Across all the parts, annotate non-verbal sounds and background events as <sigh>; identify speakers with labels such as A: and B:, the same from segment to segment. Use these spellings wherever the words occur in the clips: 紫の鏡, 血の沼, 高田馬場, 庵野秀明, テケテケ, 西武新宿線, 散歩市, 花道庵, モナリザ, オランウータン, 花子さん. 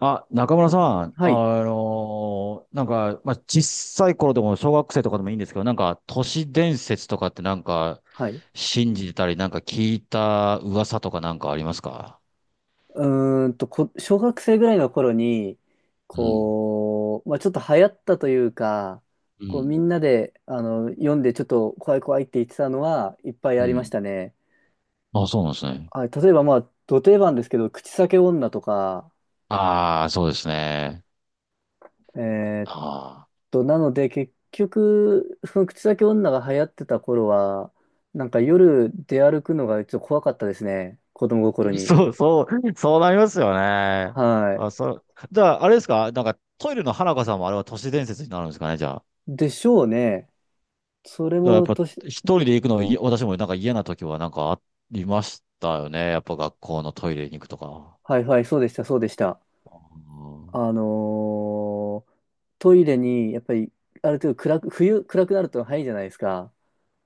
A: あ、中村さん、
B: はい。
A: なんか、まあ、小さい頃でも小学生とかでもいいんですけど、なんか、都市伝説とかってなんか、
B: はい。
A: 信じてたり、なんか聞いた噂とかなんかありますか？
B: 小学生ぐらいの頃に、
A: うん、
B: ちょっと流行ったというか、
A: う
B: こう、み
A: ん、
B: んなで、読んでちょっと怖い怖いって言ってたのはいっぱい
A: う
B: ありまし
A: ん。
B: たね。
A: あ、そうなんですね。
B: はい、例えば、まあ、ど定番ですけど、口裂け女とか、
A: ああ、そうですね。
B: えーっ
A: ああ。
B: なので、結局、その口裂け女が流行ってた頃は、なんか夜出歩くのがちょっと怖かったですね。子供心
A: <laughs>
B: に。
A: そう、そう、そうなりますよね。
B: はい。
A: あ、そう。じゃあ、あれですかなんか、トイレの花子さんもあれは都市伝説になるんですかね？
B: でしょうね。それ
A: だからやっ
B: も
A: ぱ
B: 年
A: 一人で行くのは、私もなんか嫌な時はなんかありましたよね。やっぱ学校のトイレに行くとか。
B: はいはい、そうでした、そうでした。
A: うん、
B: あのートイレに、やっぱり、ある程度暗く、冬暗くなると早いじゃないですか。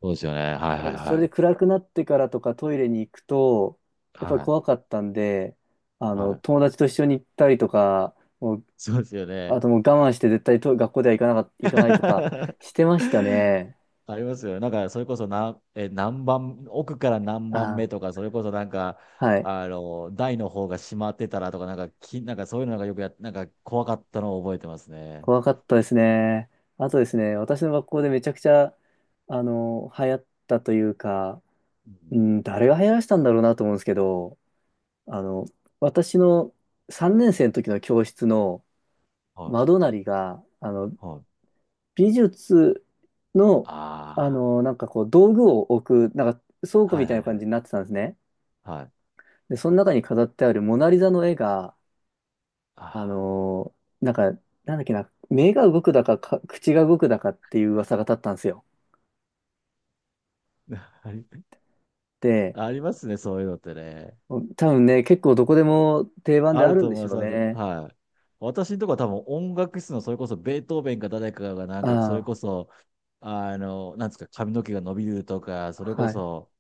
A: そうですよね。はいはい
B: そ
A: は
B: れで
A: い。
B: 暗くなってからとかトイレに行くと、やっぱり
A: はい。
B: 怖かったんで、
A: はい。
B: 友達と一緒に行ったりとか、もう、
A: そうですよ
B: あ
A: ね。
B: ともう我慢して絶対と学校では行かなか、行かないとかして
A: <laughs>
B: ましたね。
A: ありますよね。なんか、それこそ何番、奥から何番
B: あ、
A: 目とか、それこそなんか、
B: はい。
A: 台の方が閉まってたらとか、なんか、なんかそういうのがよくやっ、なんか怖かったのを覚えてますね。
B: 怖かったですね。あとですね、私の学校でめちゃくちゃ、流行ったというか、
A: う
B: う
A: ん。
B: ん、誰が流行らせたんだろうなと思うんですけど、あの、私の3年生の時の教室の
A: はい。
B: 窓なりが、
A: はい。
B: 美術の、
A: あ
B: 道具を置く、なんか倉
A: あ。
B: 庫み
A: はい
B: たい
A: は
B: な
A: い
B: 感
A: は
B: じ
A: い。
B: になってたんですね。
A: はい。
B: で、その中に飾ってあるモナリザの絵が、あ
A: ああ。
B: の、なんか、なんだっけな、目が動くだか、か口が動くだかっていう噂が立ったんですよ。
A: あり
B: で、
A: ありますね、そういうのってね。
B: 多分ね、結構どこでも定番で
A: あ
B: あ
A: る
B: るん
A: と
B: で
A: 思い
B: し
A: ま
B: ょ
A: す。
B: う
A: ある
B: ね。
A: はい。私のとこは多分音楽室のそれこそベートーベンか誰かがなんかそ
B: あ
A: れこそ、なんですか、髪の毛が伸びるとか、それ
B: あ、
A: こ
B: はい。
A: そ、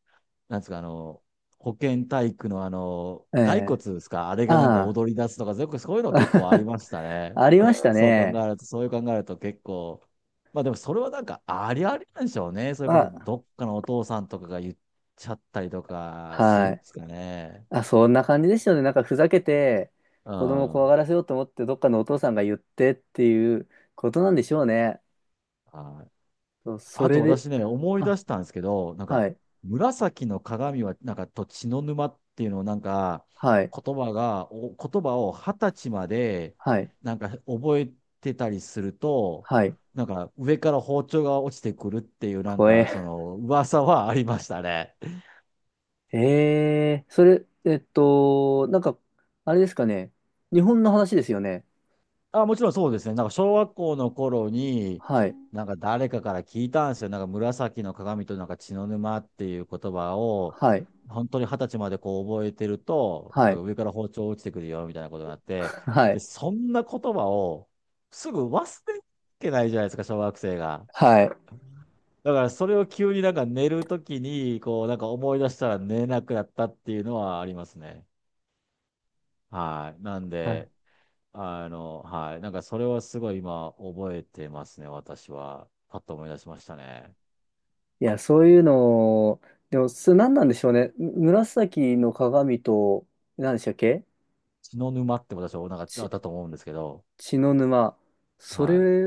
A: なんですか、保健体育の
B: え
A: 骸
B: え
A: 骨ですか、あれがなんか
B: あ
A: 踊り出すとか、よくそういうの結構あり
B: あ、
A: ました
B: <laughs>
A: ね。
B: ありました
A: そう考
B: ね。
A: えると、そういう考えると結構、まあでもそれはなんかありありなんでしょうね。それこそ
B: あ、
A: どっかのお父さんとかが言っちゃったりとかするん
B: は
A: で
B: い。
A: すかね。
B: あ、そんな感じでしたよね。なんかふざけて、
A: う
B: 子供を
A: ん。
B: 怖
A: は
B: がらせようと思って、どっかのお父さんが言ってっていうことなんでしょうね。
A: い。
B: そうそ
A: あと
B: れで、
A: 私ね、思い出
B: あ、
A: したんですけど、なん
B: は
A: か、
B: い、
A: 紫の鏡は、なんか、と血の沼っていうのを、なんか、
B: はい、
A: 言葉が、お言葉を二十歳まで、
B: はい、
A: なんか、覚えてたりすると、
B: はい、
A: なんか、上から包丁が落ちてくるっていう、なん
B: 怖
A: か、そ
B: え。
A: の、噂はありましたね。
B: ええ、それ、えっと、なんか、あれですかね。日本の話ですよね。
A: あ、もちろんそうですね。なんか小学校の頃に、
B: はい、
A: なんか誰かから聞いたんですよ。なんか紫の鏡となんか血の沼っていう言葉を、
B: はい、
A: 本当に二十歳までこう覚えてると、
B: は
A: なんか
B: い、
A: 上から包丁落ちてくるよみたいなことがあって、
B: <laughs> は
A: で、
B: い、
A: そんな言葉をすぐ忘れてないじゃないですか、小学生が。
B: はい。
A: だからそれを急になんか寝るときに、こうなんか思い出したら寝れなくなったっていうのはありますね。はい。なん
B: はい
A: で、はい。なんかそれはすごい今覚えてますね、私は。パッと思い出しましたね。
B: いや、そういうのを、でも、す、何なんでしょうね。紫の鏡と、何でしたっけ
A: 血の沼って私はなんかあ
B: ち、
A: ったと思うんですけど、
B: 血の沼。そ
A: は
B: れ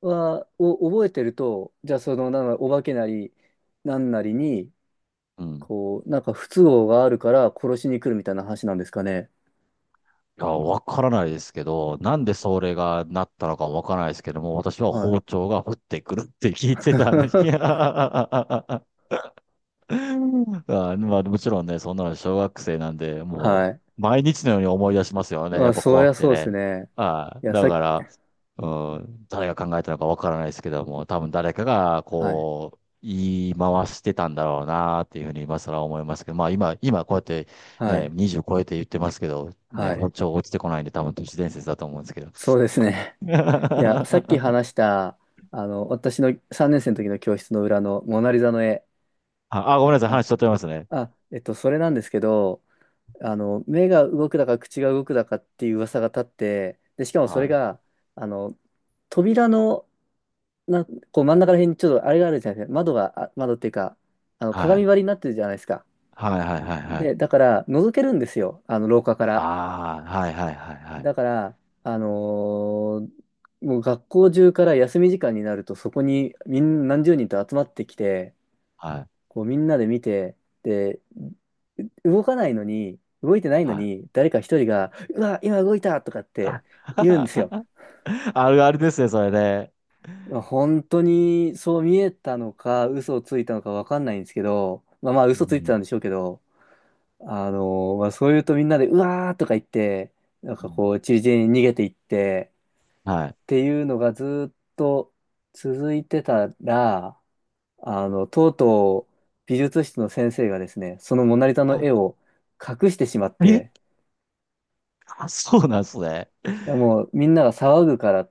B: は、を覚えてると、じゃあ、その、なんかお化けなり、なんなりに、
A: い。うん。
B: 不都合があるから殺しに来るみたいな話なんですかね。
A: いや、わからないですけど、なんでそれがなったのかわからないですけども、私は
B: は
A: 包
B: い。
A: 丁が降ってくるって聞いてたんです。
B: <laughs>
A: <laughs> あ、まあ、もちろんね、そんなの小学生なんで、も
B: は
A: う、毎日のように思い出しますよ
B: い。
A: ね。
B: ま
A: や
B: あ、
A: っぱ
B: そり
A: 怖
B: ゃ
A: くて
B: そうです
A: ね。
B: ね。
A: は
B: い
A: い。
B: や、
A: だ
B: さっき、
A: から、うん、誰が考えたのかわからないですけども、多分誰かが、
B: はい。
A: こう、言い回してたんだろうなっていうふうに今更思いますけど、まあ今こうやって
B: は
A: ね、
B: い。
A: 20超えて言ってますけど、ね、
B: はい。
A: 包丁落ちてこないんで多分都市伝説だと思うんですけど。
B: そうですね。
A: <laughs>
B: いや、さっき話した、あの、私の3年生の時の教室の裏のモナリザの絵。
A: あごめんなさい、話
B: あ、
A: しとってますね。
B: それなんですけど、目が動くだか口が動くだかっていう噂が立って、で、しかもそれ
A: はい。
B: が、あの、扉の、な、こう真ん中ら辺にちょっとあれがあるじゃないですか。窓が、窓っていうか、あの、
A: は
B: 鏡
A: い。
B: 張りになってるじゃないですか。
A: はいはいはいはい。
B: で、だから、覗けるんですよ。あの、廊下から。
A: ああ、はいはいはいはい。
B: だから、あのーもう学校中から休み時間になるとそこにみん何十人と集まってきて、
A: はい。
B: こうみんなで見て、で、動かないのに、動いてないの
A: はい。
B: に、誰か一人が、うわ、今動いたとかっ
A: <laughs>
B: て言うんですよ。
A: あるあるですね、それね。
B: まあ本当にそう見えたのか、嘘をついたのかわかんないんですけど、まあまあ
A: う
B: 嘘ついて
A: ん。
B: たんでしょうけど、あのまあそう言うとみんなで、うわーとか言って、なん
A: う
B: かこ
A: ん。
B: う、ちりぢりに逃げていって、
A: はい。
B: ていうのがずっと続いてたら、あの、とうとう美術室の先生がですね、そのモナリザの
A: あ、
B: 絵を隠してしまっ
A: え。
B: て、
A: <laughs> あ、そうなんですね。
B: いやもうみんなが騒ぐから、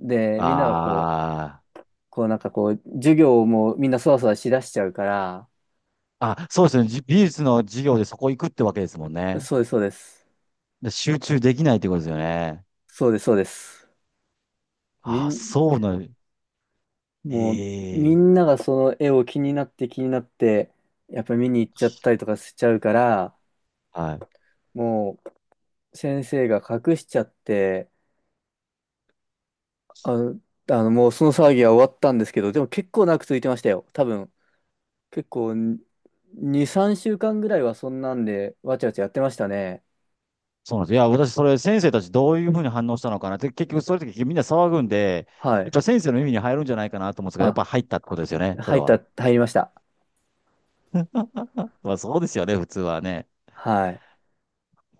B: で、みんながこう、
A: あ
B: 授業をもうみんなそわそわしだしちゃうから、
A: あ。あ、そうですね。美術の授業でそこ行くってわけですもんね。
B: そうです、そうです。
A: で集中できないってことですよね。
B: そうです、そうです。み
A: あ、
B: ん、
A: そうなん、へ
B: もうみ
A: え。
B: んながその絵を気になって気になって、やっぱり見に行っちゃったりとかしちゃうから、
A: はい。
B: もう先生が隠しちゃって、あの、もうその騒ぎは終わったんですけど、でも結構長く続いてましたよ。多分、結構にさん2、3週間ぐらいはそんなんで、わちゃわちゃやってましたね。
A: そうなんです。いや、私、それ、先生たちどういうふうに反応したのかなって、結局、そういう時みんな騒ぐんで、
B: は
A: やっ
B: い。
A: ぱ先生の耳に入るんじゃないかなと思うんですけど、やっ
B: あ、
A: ぱ入ったってことですよね、それ
B: 入った、
A: は。
B: 入りました。
A: まあ、そうですよね、普通はね。
B: はい。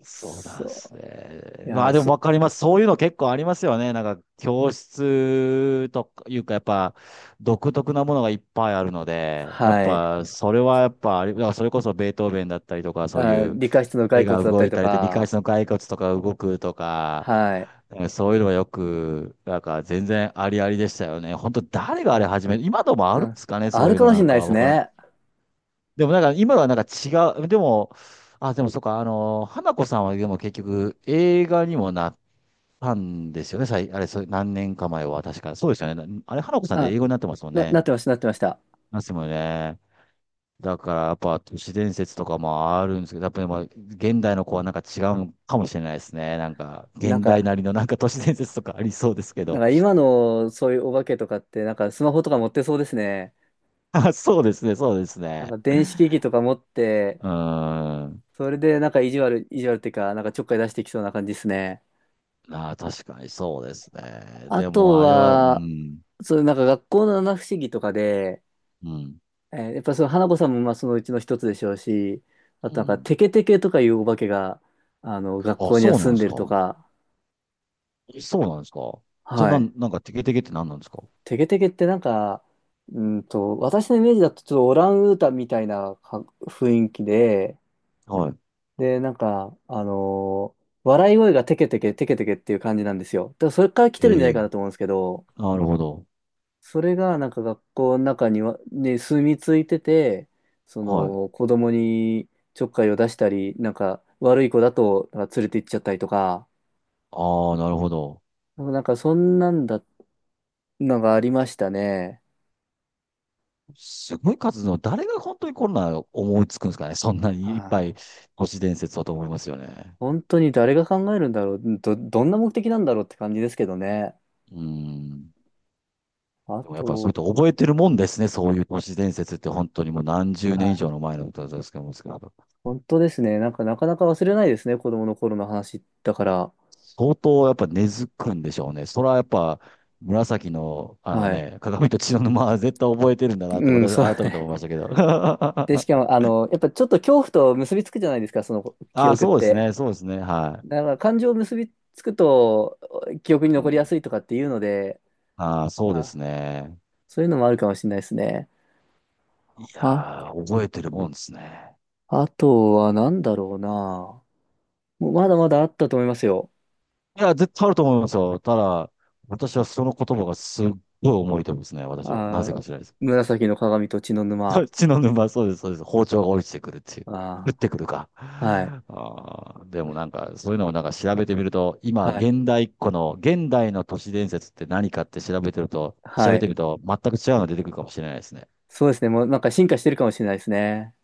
A: そうなんです
B: そ
A: ね。
B: う。
A: まあでもわかります。そういうの結構ありますよね。なんか教室とかいうかやっぱ独特なものがいっぱいあるので、やっ
B: はい。
A: ぱそれはやっぱあれ、だからそれこそベートーベンだったりとかそう
B: あ、
A: いう
B: 理科室の
A: 絵
B: 骸骨
A: が
B: だった
A: 動
B: り
A: い
B: と
A: たりで理解
B: か、
A: 室の骸骨とか動くとか、
B: はい。
A: そういうのはよく、なんか全然ありありでしたよね。本当誰があれ始め、今でもあ
B: う
A: るんで
B: ん。
A: すかね、
B: あ
A: そう
B: る
A: いう
B: か
A: の
B: もし
A: な
B: れ
A: ん
B: ないで
A: か。
B: す
A: わからん。
B: ね。
A: でもなんか今はなんか違う、でも、あ、でもそうか、花子さんはでも結局映画にもなったんですよね、あれ、そう、何年か前は確か。そうですよね。あれ、花子さんって
B: あ、
A: 英語になってますもん
B: な、なっ
A: ね。
B: てました、なってました。
A: なってますもんね。だからやっぱ都市伝説とかもあるんですけど、やっぱりまあ現代の子はなんか違うかもしれないですね。なんか
B: なん
A: 現代
B: か、
A: なりのなんか都市伝説とかありそうですけ
B: なん
A: ど。
B: か今のそういうお化けとかって、なんかスマホとか持ってそうですね。
A: <laughs> あ、そうですね、そうです
B: なん
A: ね。
B: か電子機器とか持って、
A: うーん。
B: それで、意地悪っていうか、なんかちょっかい出してきそうな感じですね。
A: あー、確かにそうですね。
B: あ
A: で
B: と
A: もあれは、う
B: は、
A: ん。
B: そう、なんか学校の七不思議とかで、
A: うん。
B: えーやっぱその花子さんもまあそのうちの一つでしょうし、あ
A: う
B: となんか
A: ん。
B: テケテケとかいうお化けが、あの、学
A: あ、
B: 校には
A: そうなん
B: 住ん
A: です
B: でる
A: か。
B: とか、
A: そうなんですか。それ
B: は
A: な
B: い。
A: ん、なんかテケテケって何なんですか？
B: テケテケってなんか、うーんと、私のイメージだとちょっとオランウータンみたいなか雰囲気で、
A: はい。
B: で、なんか、笑い声がテケテケテケテケっていう感じなんですよ。だからそれから来てるんじゃな
A: え
B: いかな
A: え、
B: と思うんですけど、
A: なるほど。
B: それがなんか学校の中には、ね、住み着いてて、そ
A: はい。
B: の子供にちょっかいを出したり、なんか悪い子だとなんか連れて行っちゃったりとか、
A: ああ、なるほど。
B: なんかそんなんだ、のがありましたね。
A: すごい数の、誰が本当にこんな思いつくんですかね。そんな
B: は
A: にいっぱい
B: あ、
A: 都市伝説だと思いますよね。
B: 本当に誰が考えるんだろう、どんな目的なんだろうって感じですけどね。
A: うん。
B: あ
A: でもやっぱそれ
B: と、
A: と覚えてるもんですね。そういう都市伝説って本当にもう何十
B: は
A: 年以
B: い、
A: 上の前のことですけども。
B: 本当ですね。なんかなかなか忘れないですね、子供の頃の話だから。
A: 相当やっぱ根付くんでしょうね。それはやっぱ紫の
B: はい。
A: 鏡と血の沼は絶対覚えてるんだなっ
B: う
A: て
B: ん、
A: 私
B: そう。
A: 改めて思いましたけど。
B: で、し
A: <laughs>
B: かも、あの、やっぱちょっと恐怖と結びつくじゃないですか、その記
A: ああ、
B: 憶っ
A: そうです
B: て。
A: ね。そうですね。は
B: だから感情を結びつくと記憶に
A: い。う
B: 残り
A: ん、
B: やすいとかっていうので、
A: ああ、そう
B: ま
A: で
B: あ、
A: すね。
B: そういうのもあるかもしれないですね。
A: い
B: あ、
A: やー、覚えてるもんですね。
B: あとは何だろうな。もうまだまだあったと思いますよ。
A: いや、絶対あると思いますよ。ただ、私はその言葉がすっごい重いと思いですね。私は。な
B: あ
A: ぜか
B: ー、
A: しらです。
B: 紫の鏡と血の
A: <laughs> そ
B: 沼。
A: っちの沼、そうです、そうです。包丁が落ちてくるっていう。降っ
B: あ
A: てくるか。
B: ー、はい、
A: あーでもなんか、そういうのをなんか調べてみると、
B: は
A: 今、
B: い、
A: 現代っ子の、現代の都市伝説って何かって調
B: は
A: べて
B: い。
A: みると、全く違うの出てくるかもしれないですね。
B: そうですね。もうなんか進化してるかもしれないですね。